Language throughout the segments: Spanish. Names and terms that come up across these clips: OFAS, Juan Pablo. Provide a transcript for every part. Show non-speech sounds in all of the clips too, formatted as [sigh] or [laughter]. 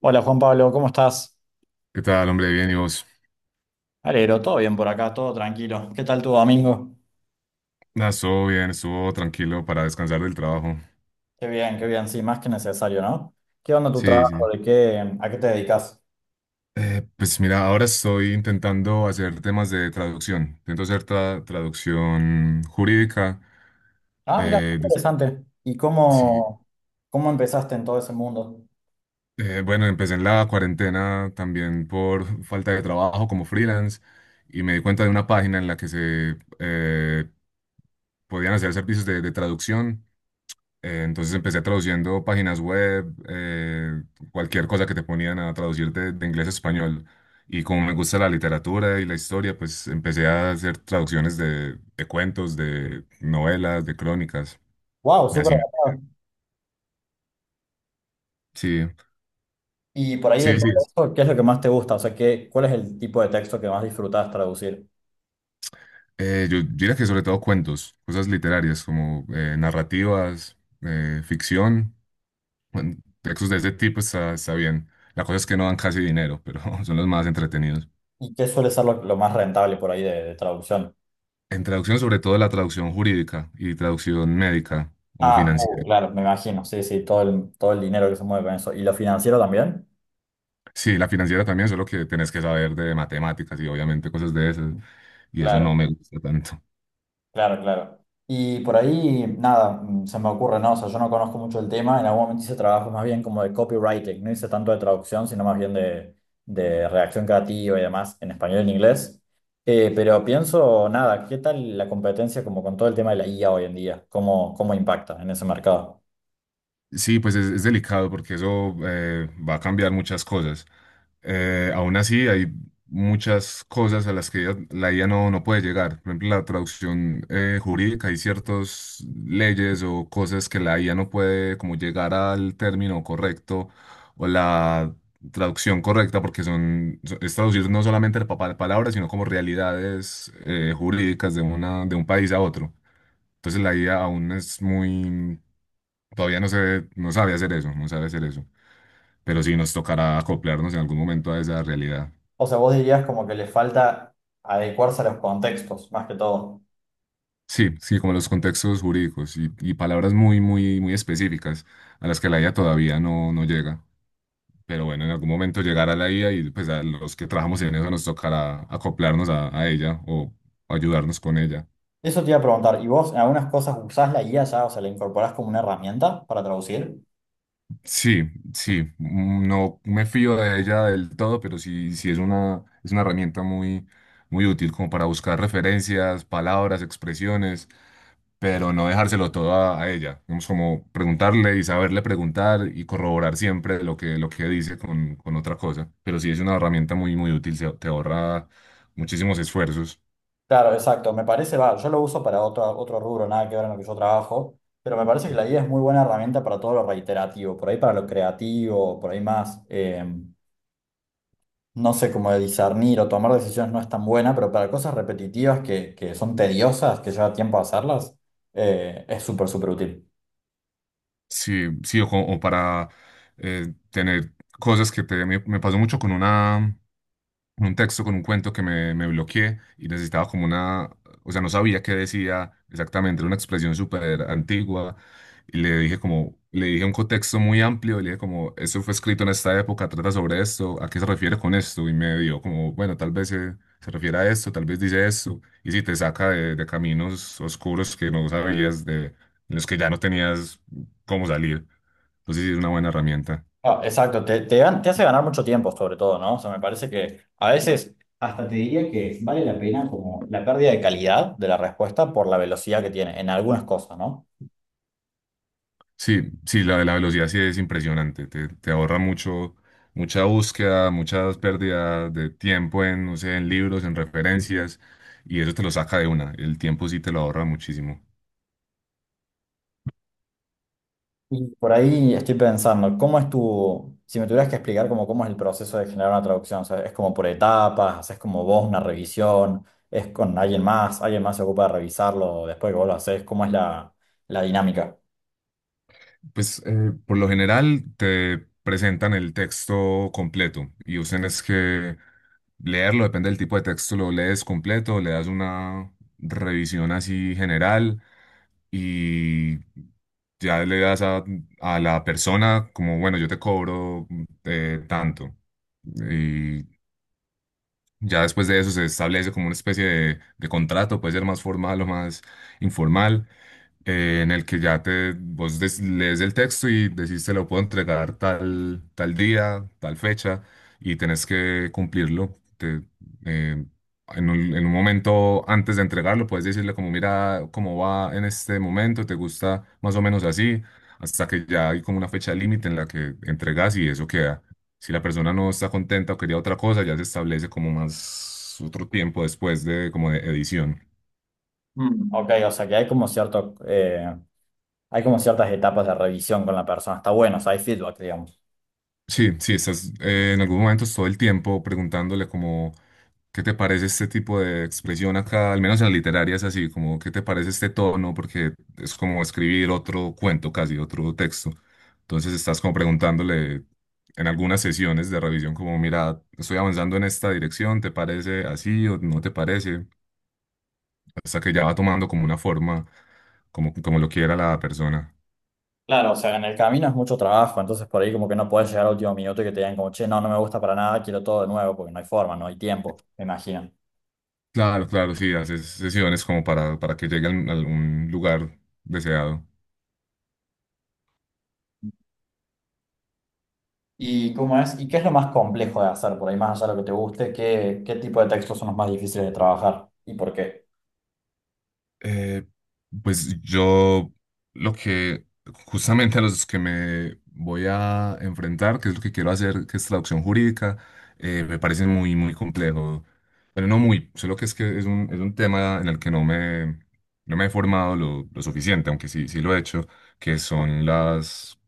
Hola Juan Pablo, ¿cómo estás? ¿Qué tal, hombre? Bien, ¿y vos? Alegro, todo bien por acá, todo tranquilo. ¿Qué tal tu domingo? Nada, estuvo bien, estuvo tranquilo para descansar del trabajo. Qué bien, sí, más que necesario, ¿no? ¿Qué onda tu Sí, trabajo? sí. ¿A qué te dedicas? Pues mira, ahora estoy intentando hacer temas de traducción. Intento hacer traducción jurídica. Ah, mira, qué Eh, des- interesante. ¿Y sí. cómo, cómo empezaste en todo ese mundo? Bueno, empecé en la cuarentena también por falta de trabajo como freelance y me di cuenta de una página en la que se podían hacer servicios de traducción. Entonces empecé traduciendo páginas web, cualquier cosa que te ponían a traducir de inglés a español. Y como me gusta la literatura y la historia, pues empecé a hacer traducciones de cuentos, de novelas, de crónicas. Wow, Y súper así, avanzado. sí, Y por ahí de sí, sí. todo eso, ¿qué es lo que más te gusta? O sea, ¿cuál es el tipo de texto que más disfrutas traducir? Yo diría que sobre todo cuentos, cosas literarias como narrativas, ficción, bueno, textos de ese tipo está bien. La cosa es que no dan casi dinero, pero [laughs] son los más entretenidos. ¿Y qué suele ser lo más rentable por ahí de traducción? En traducción, sobre todo la traducción jurídica y traducción médica o Ah, financiera. claro, me imagino, sí, sí, todo el dinero que se mueve con eso. ¿Y lo financiero también? Sí, la financiera también, solo que tenés que saber de matemáticas y obviamente cosas de esas. Y eso no Claro. me gusta tanto. Claro, claro. Y por ahí, nada, se me ocurre, ¿no? O sea, yo no conozco mucho el tema. En algún momento hice trabajos más bien como de copywriting, no hice tanto de traducción, sino más bien de redacción creativa y demás en español y en inglés. Pero pienso, nada, ¿qué tal la competencia como con todo el tema de la IA hoy en día? ¿Cómo impacta en ese mercado? Sí, pues es delicado porque eso va a cambiar muchas cosas. Aún así, hay muchas cosas a las que la IA no, no puede llegar. Por ejemplo, la traducción jurídica, hay ciertas leyes o cosas que la IA no puede como llegar al término correcto o la traducción correcta porque es traducir no solamente el papel palabras, sino como realidades jurídicas de un país a otro. Entonces la IA aún es muy. Todavía no sabe hacer eso, no sabe hacer eso. Pero sí nos tocará acoplarnos en algún momento a esa realidad. O sea, vos dirías como que le falta adecuarse a los contextos, más que todo. Sí, sí, como los contextos jurídicos y palabras muy, muy, muy específicas a las que la IA todavía no, no llega. Pero bueno, en algún momento llegará la IA y pues a los que trabajamos en eso nos tocará acoplarnos a ella o ayudarnos con ella. Eso te iba a preguntar, ¿y vos en algunas cosas usás la IA ya, o sea, la incorporás como una herramienta para traducir? Sí, sí, no me fío de ella del todo, pero sí, sí es una herramienta muy, muy útil como para buscar referencias, palabras, expresiones, pero no dejárselo todo a ella. Vamos como preguntarle y saberle preguntar y corroborar siempre lo que dice con otra cosa. Pero sí es una herramienta muy, muy útil, te ahorra muchísimos esfuerzos. Claro, exacto. Me parece, va, yo lo uso para otro, otro rubro, nada que ver en lo que yo trabajo, pero me parece que la IA es muy buena herramienta para todo lo reiterativo, por ahí para lo creativo, por ahí más, no sé, como de discernir o tomar decisiones no es tan buena, pero para cosas repetitivas que son tediosas, que lleva tiempo hacerlas, es súper, súper útil. Sí, sí, o para tener cosas que me pasó mucho con una. Un texto con un cuento que me bloqueé y necesitaba como una, o sea, no sabía qué decía exactamente, era una expresión súper antigua y le dije como, le dije un contexto muy amplio y le dije como, esto fue escrito en esta época, trata sobre esto, ¿a qué se refiere con esto? Y me dio como, bueno, se refiere a esto, tal vez dice esto, y si te saca de caminos oscuros que no sabías, de los que ya no tenías cómo salir. Entonces sí es una buena herramienta. Ah, exacto, te, gan- te hace ganar mucho tiempo sobre todo, ¿no? O sea, me parece que a veces hasta te diría que vale la pena como la pérdida de calidad de la respuesta por la velocidad que tiene en algunas cosas, ¿no? Sí, sí, la de la velocidad sí es impresionante. Te ahorra mucho, mucha búsqueda, muchas pérdidas de tiempo en, no sé, en libros, en referencias, y eso te lo saca de una. El tiempo sí te lo ahorra muchísimo. Y por ahí estoy pensando, ¿cómo es tu, si me tuvieras que explicar como cómo es el proceso de generar una traducción? O sea, ¿es como por etapas? ¿Haces como vos una revisión? ¿Es con alguien más? ¿Alguien más se ocupa de revisarlo después que vos lo haces? ¿Cómo es la dinámica? Pues por lo general te presentan el texto completo y usen es que leerlo, depende del tipo de texto, lo lees completo, le das una revisión así general y ya le das a la persona como, bueno, yo te cobro tanto. Y ya después de eso se establece como una especie de contrato, puede ser más formal o más informal, en el que ya te, vos lees el texto y decís te lo puedo entregar tal, tal día, tal fecha, y tenés que cumplirlo. Eh, en en un momento antes de entregarlo, puedes decirle como, mira cómo va en este momento, te gusta más o menos así, hasta que ya hay como una fecha límite en la que entregas y eso queda. Si la persona no está contenta o quería otra cosa, ya se establece como más otro tiempo después de como de edición. Mm, ok, o sea que hay como cierto, hay como ciertas etapas de revisión con la persona. Está bueno, o sea, hay feedback, digamos. Sí, sí, estás en algunos momentos todo el tiempo preguntándole como, ¿qué te parece este tipo de expresión acá? Al menos en la literaria es así, como, ¿qué te parece este tono? Porque es como escribir otro cuento casi, otro texto. Entonces estás como preguntándole en algunas sesiones de revisión como, mira, estoy avanzando en esta dirección, ¿te parece así o no te parece? Hasta que ya va tomando como una forma, como, como lo quiera la persona. Claro, o sea, en el camino es mucho trabajo, entonces por ahí como que no puedes llegar al último minuto y que te digan como, che, no, no me gusta para nada, quiero todo de nuevo, porque no hay forma, no hay tiempo, me imagino. Claro, claro, sí, haces sesiones como para que llegue a algún lugar deseado. ¿Y cómo es? ¿Y qué es lo más complejo de hacer por ahí, más allá de lo que te guste? ¿Qué tipo de textos son los más difíciles de trabajar? ¿Y por qué? Eh, pues yo lo que justamente a los que me voy a enfrentar, que es lo que quiero hacer, que es traducción jurídica, me parece muy, muy complejo. Pero no muy, solo que es es un tema en el que no me he formado lo suficiente, aunque sí, sí lo he hecho, que son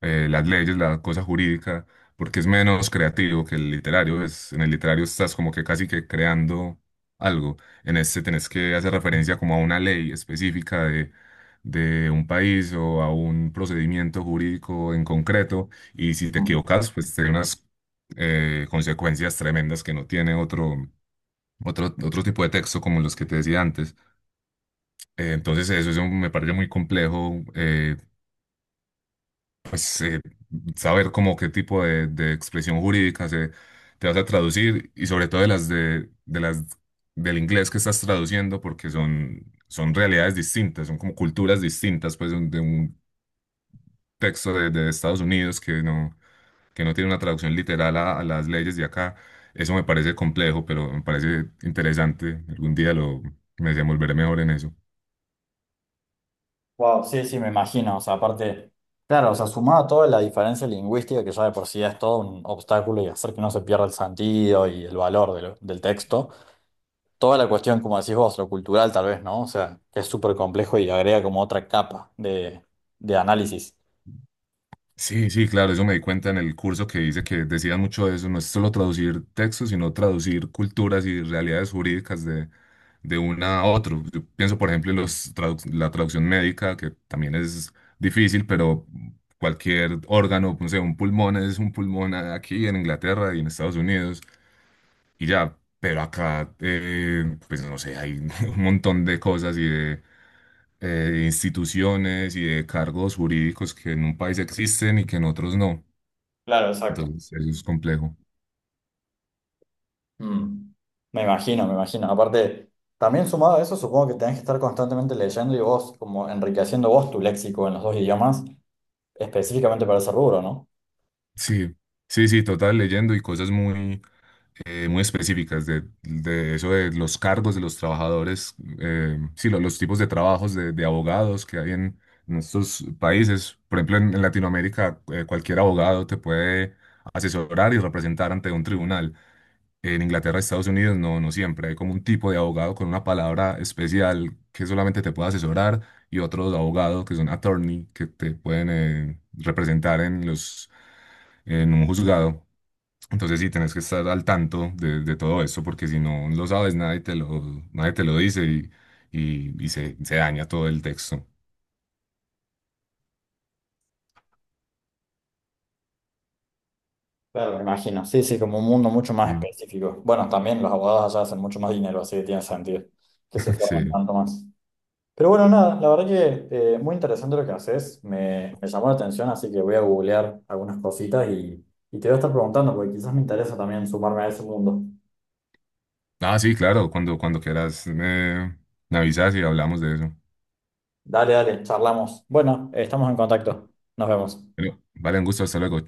las leyes, la cosa jurídica, porque es menos creativo que el literario. Es, en el literario estás como que casi que creando algo. En este tenés que hacer referencia como a una ley específica de un país o a un procedimiento jurídico en concreto y si te Mm. equivocas, pues tiene unas consecuencias tremendas que no tiene otro tipo de texto como los que te decía antes. Entonces eso, eso me parece muy complejo, pues eh, saber como qué tipo de expresión jurídica te vas a traducir y sobre todo de de las del inglés que estás traduciendo porque son realidades distintas, son como culturas distintas pues de un texto de Estados Unidos que no tiene una traducción literal a las leyes de acá. Eso me parece complejo, pero me parece interesante. Me desenvolveré mejor en eso. Wow, sí, sí, me imagino. O sea, aparte, claro, o sea, sumado a toda la diferencia lingüística, que ya de por sí es todo un obstáculo y hacer que no se pierda el sentido y el valor de lo- del texto, toda la cuestión, como decís vos, lo cultural tal vez, ¿no? O sea, que es súper complejo y agrega como otra capa de análisis. Sí, sí, claro, eso me di cuenta en el curso que dice que decían mucho de eso, no es solo traducir textos, sino traducir culturas y realidades jurídicas de una a otro. Yo pienso, por ejemplo, en los la traducción médica, que también es difícil, pero cualquier órgano, no sé, un pulmón es un pulmón aquí en Inglaterra y en Estados Unidos, y ya, pero acá, pues no sé, hay [laughs] un montón de cosas y de instituciones y de cargos jurídicos que en un país existen y que en otros no. Claro, exacto. Entonces, eso es complejo. Mm. Me imagino, me imagino. Aparte, también sumado a eso, supongo que tenés que estar constantemente leyendo y vos, como enriqueciendo vos tu léxico en los dos idiomas, específicamente para ese rubro, ¿no? Sí, sí, sí, total, leyendo y cosas muy, muy específicas de eso de los cargos de los trabajadores, sí, los tipos de trabajos de abogados que hay en estos países. Por ejemplo, en Latinoamérica, cualquier abogado te puede asesorar y representar ante un tribunal. En Inglaterra, Estados Unidos, no, no siempre. Hay como un tipo de abogado con una palabra especial que solamente te puede asesorar y otros abogados que son attorney que te pueden representar en los, en un juzgado. Entonces sí, tenés que estar al tanto de todo eso porque si no lo sabes, nadie te lo dice y se daña todo el texto. Claro, me imagino. Sí, sí, como un mundo mucho más Sí. específico. Bueno, también los abogados allá hacen mucho más dinero, así que tiene sentido que se [laughs] formen Sí. tanto más. Pero bueno, nada, la verdad que muy interesante lo que haces. Me llamó la atención, así que voy a googlear algunas cositas y te voy a estar preguntando, porque quizás me interesa también sumarme a ese mundo. Ah, sí, claro, cuando quieras me avisas y hablamos de eso. Dale, dale, charlamos. Bueno, estamos en contacto. Nos vemos. Bueno, vale, un gusto, hasta luego.